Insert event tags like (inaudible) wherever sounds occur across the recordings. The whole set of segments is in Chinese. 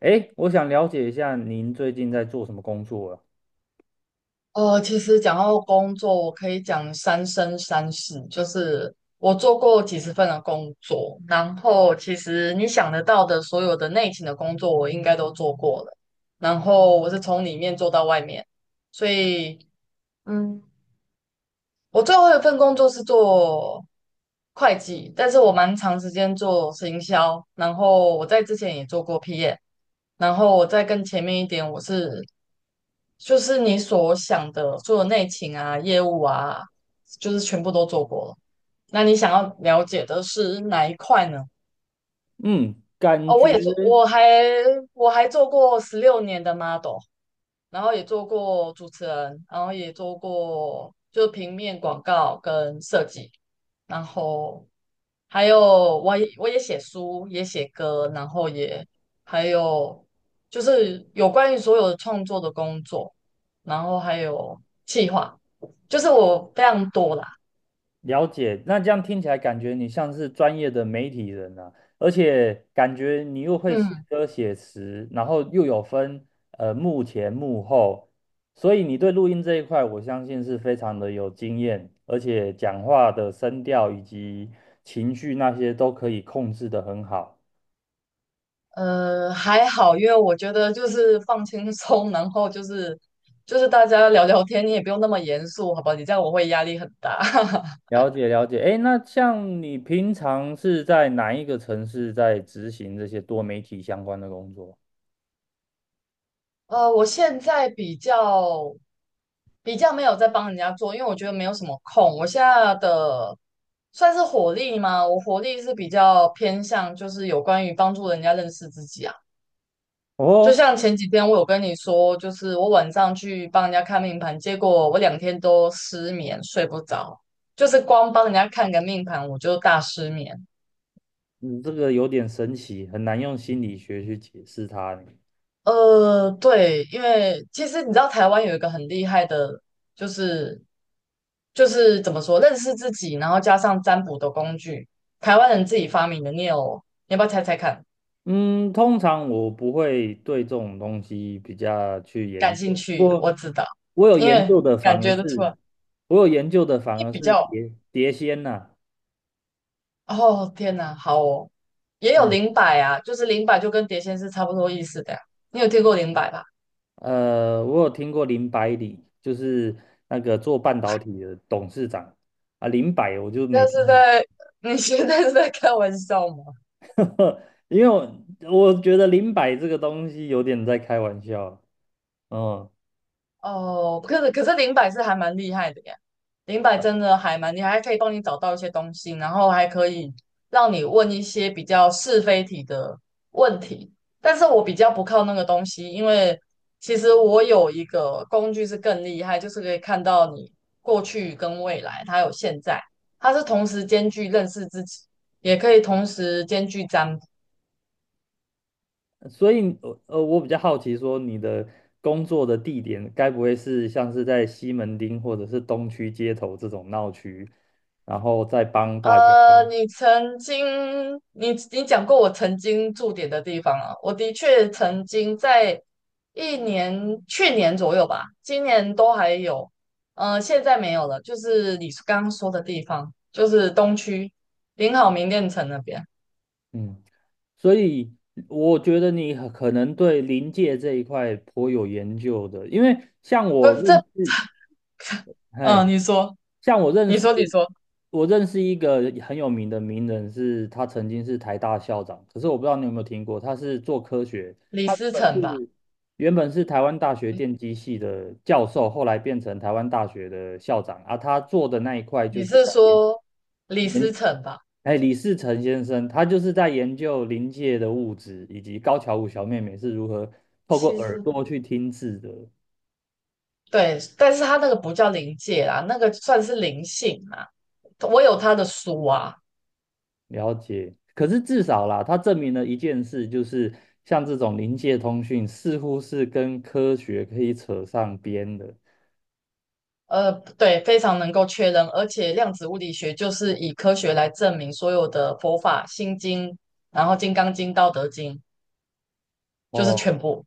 哎，我想了解一下您最近在做什么工作啊？哦，其实讲到工作，我可以讲三生三世，就是我做过几十份的工作，然后其实你想得到的所有的内勤的工作，我应该都做过了。然后我是从里面做到外面，所以嗯，我最后一份工作是做会计，但是我蛮长时间做行销，然后我在之前也做过 PM，然后我再更前面一点，我是就是你所想的所有内勤啊、业务啊，就是全部都做过了。那你想要了解的是哪一块呢？嗯，感哦，觉我也做，我还做过16年的 model,然后也做过主持人，然后也做过就平面广告跟设计，然后还有我也写书，也写歌，然后也还有就是有关于所有的创作的工作，然后还有计划，就是我非常多啦。了解。那这样听起来，感觉你像是专业的媒体人啊，而且感觉你又会写嗯，歌写词，然后又有分幕前幕后，所以你对录音这一块，我相信是非常的有经验，而且讲话的声调以及情绪那些都可以控制得很好。还好，因为我觉得就是放轻松，然后就是大家聊聊天，你也不用那么严肃，好吧？你这样我会压力很大。(laughs) 了解了解，哎，那像你平常是在哪一个城市在执行这些多媒体相关的工作？我现在比较没有在帮人家做，因为我觉得没有什么空。我现在的算是火力吗？我火力是比较偏向就是有关于帮助人家认识自己啊。就哦，像前几天我有跟你说，就是我晚上去帮人家看命盘，结果我两天都失眠，睡不着，就是光帮人家看个命盘我就大失眠。你这个有点神奇，很难用心理学去解释它呢。对，因为其实你知道台湾有一个很厉害的，就是就是怎么说，认识自己，然后加上占卜的工具，台湾人自己发明的。念哦，你要不要猜猜看？嗯，通常我不会对这种东西比较去研感兴究，不趣，过我知道，我有因研究为的反感而觉得出是，来，我有研究的反你而比是较，碟碟仙呐、哦，天哪，好哦，也哎，有灵摆啊，就是灵摆就跟碟仙是差不多意思的呀。你有听过灵摆吧？呃，我有听过林百里，就是那个做半导体的董事长啊，林百我就没但听是在 (laughs) 你现在是在开玩笑吗？过。(laughs) 因为我觉得林百这个东西有点在开玩笑，嗯，哦，可是零摆是还蛮厉害的呀，零摆真的还蛮厉害，还可以帮你找到一些东西，然后还可以让你问一些比较是非题的问题。但是我比较不靠那个东西，因为其实我有一个工具是更厉害，就是可以看到你过去跟未来，它有现在，它是同时兼具认识自己，也可以同时兼具占卜。所以呃，我比较好奇说你的工作的地点该不会是像是在西门町或者是东区街头这种闹区，然后再帮大家，你曾经，你讲过我曾经驻点的地方啊，我的确曾经在一年，去年左右吧，今年都还有，现在没有了，就是你刚刚说的地方，就是东区林好明店城那边，嗯。所以我觉得你很可能对临界这一块颇有研究的，因为像我不是这，认识，嗯、嘿，你说，像我认你识，说，你说，我认识一个很有名的名人是，他曾经是台大校长，可是我不知道你有没有听过，他是做科学，李他原思本城吧，是原本是台湾大学电机系的教授，后来变成台湾大学的校长，而他做的那一块就你是是在研，说李思城吧？哎，李世成先生，他就是在研究临界的物质，以及高桥舞小妹妹是如何透过其耳实。朵去听字的。对，但是他那个不叫灵界啦，那个算是灵性啦。我有他的书啊，了解。可是至少啦，他证明了一件事，就是像这种临界通讯，似乎是跟科学可以扯上边的。呃，对，非常能够确认，而且量子物理学就是以科学来证明所有的佛法、心经，然后《金刚经》《道德经》，就是哦，全部。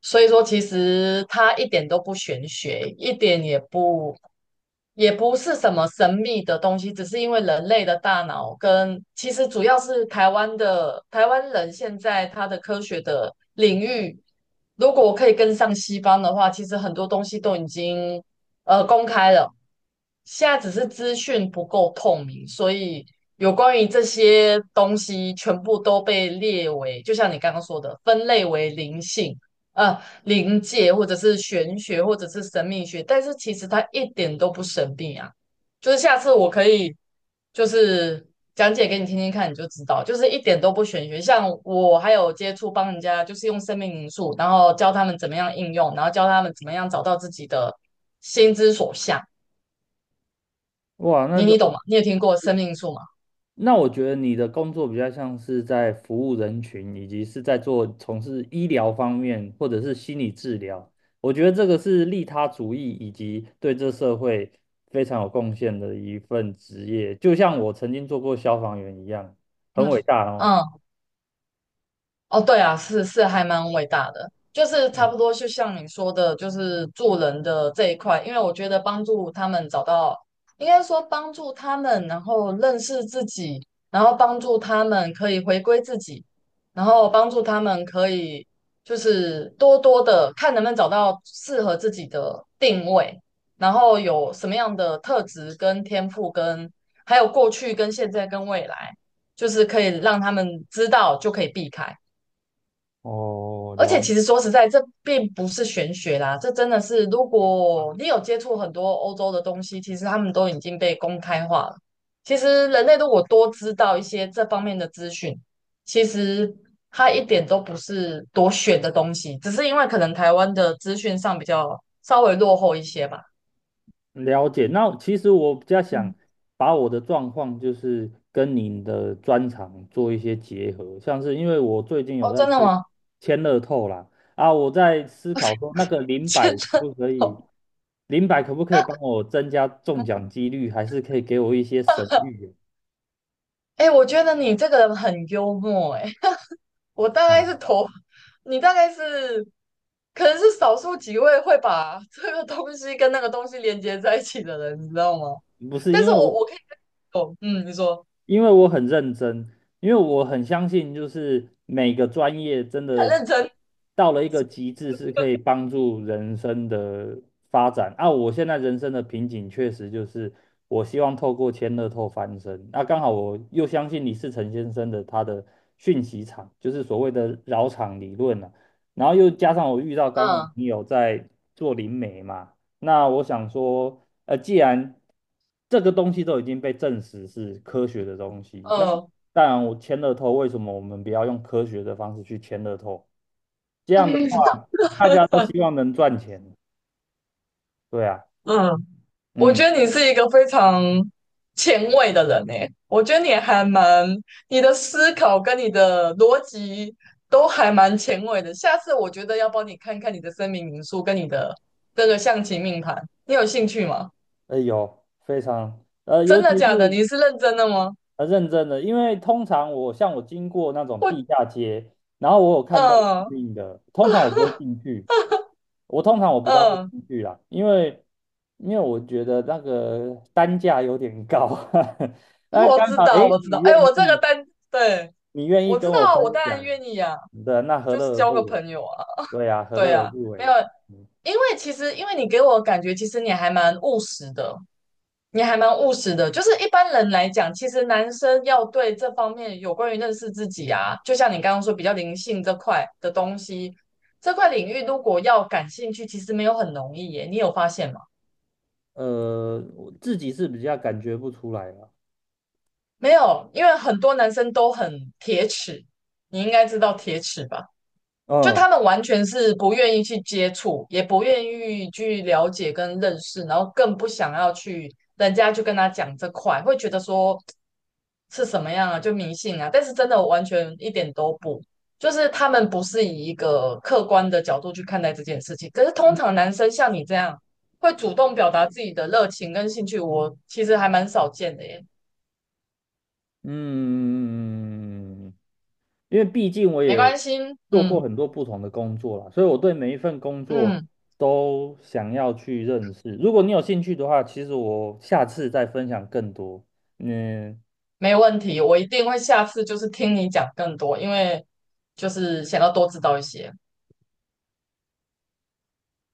所以说，其实它一点都不玄学，一点也不，也不是什么神秘的东西，只是因为人类的大脑跟其实主要是台湾的台湾人现在他的科学的领域，如果可以跟上西方的话，其实很多东西都已经公开了，现在只是资讯不够透明，所以有关于这些东西全部都被列为，就像你刚刚说的，分类为灵性。呃，灵界或者是玄学或者是神秘学，但是其实它一点都不神秘啊。就是下次我可以就是讲解给你听听看，你就知道，就是一点都不玄学。像我还有接触帮人家，就是用生命灵数，然后教他们怎么样应用，然后教他们怎么样找到自己的心之所向。哇，你懂吗？你有听过生命灵数吗？那我觉得你的工作比较像是在服务人群，以及是在做从事医疗方面或者是心理治疗。我觉得这个是利他主义以及对这社会非常有贡献的一份职业，就像我曾经做过消防员一样，很嗯伟大哦。嗯。哦，对啊，是还蛮伟大的，就是差不多就像你说的，就是做人的这一块，因为我觉得帮助他们找到，应该说帮助他们，然后认识自己，然后帮助他们可以回归自己，然后帮助他们可以就是多多的看能不能找到适合自己的定位，然后有什么样的特质跟天赋跟，还有过去跟现在跟未来，就是可以让他们知道就可以避开。哦，而了，且其实说实在，这并不是玄学啦，这真的是，如果你有接触很多欧洲的东西，其实他们都已经被公开化了。其实人类如果多知道一些这方面的资讯，其实它一点都不是多玄的东西，只是因为可能台湾的资讯上比较稍微落后一些吧。了解。那其实我比较想嗯，把我的状况，就是跟您的专长做一些结合，像是因为我最近有哦，在真的签吗？签乐透啦，啊，我在思考说那个 (laughs) 零百真可的不可以，哦，零百可不可以帮我增加中奖 (laughs) 几率，还是可以给我一些神谕哎，我觉得你这个人很幽默，哎。我大啊？概是头，你大概是可能是少数几位会把 (laughs) 这个东西跟那个东西连接在一起的人，你知道吗？嗯，不是，但是我我可以懂，嗯，你说因为我很认真，因为我很相信，就是每个专业真你很的认真，到了一个极致，是可以帮助人生的发展。啊，我现在人生的瓶颈确实就是，我希望透过千乐透翻身。那、刚好我又相信李世成先生的他的讯息场，就是所谓的绕场理论了、然后又加上我遇到刚好嗯你有在做灵媒嘛，那我想说。呃，既然这个东西都已经被证实是科学的东西，那嗯 当然我签了头。为什么我们不要用科学的方式去签了头？这样的话，大家都 (laughs) 希望能赚钱，对啊，嗯，我嗯，觉得你是一个非常前卫的人诶，我觉得你还蛮，你的思考跟你的逻辑都还蛮前卫的。下次我觉得要帮你看看你的声明民宿跟你的这个象棋命盘，你有兴趣吗？呃，有非常，呃尤真的其假的？是你是认真的吗？呃认真的，因为通常我像我经过那种我，地下街，然后我有看到供嗯应的，通常我不会进去，我通常不大会出嗯，去啦，因为我觉得那个单价有点高。(laughs) 那我刚知好，道，哎，我知道。哎，我这个单，对，你愿意我跟知我道，我分当然享愿意呀、的，那何就是乐而交个不为？朋友啊，对啊，何对乐而呀、不没有，为？嗯，因为其实，因为你给我感觉，其实你还蛮务实的，你还蛮务实的。就是一般人来讲，其实男生要对这方面有关于认识自己啊，就像你刚刚说比较灵性这块的东西，这块领域如果要感兴趣，其实没有很容易耶。你有发现吗？呃，我自己是比较感觉不出来了。没有，因为很多男生都很铁齿，你应该知道铁齿吧？就嗯，他们完全是不愿意去接触，也不愿意去了解跟认识，然后更不想要去人家去跟他讲这块，会觉得说是什么样啊，就迷信啊。但是真的完全一点都不，就是他们不是以一个客观的角度去看待这件事情。可是通常男生像你这样会主动表达自己的热情跟兴趣，我其实还蛮少见的耶。嗯，因为毕竟我没也关系，做过嗯。很多不同的工作啦，所以我对每一份工作嗯，都想要去认识。如果你有兴趣的话，其实我下次再分享更多。嗯，没问题，我一定会下次就是听你讲更多，因为就是想要多知道一些。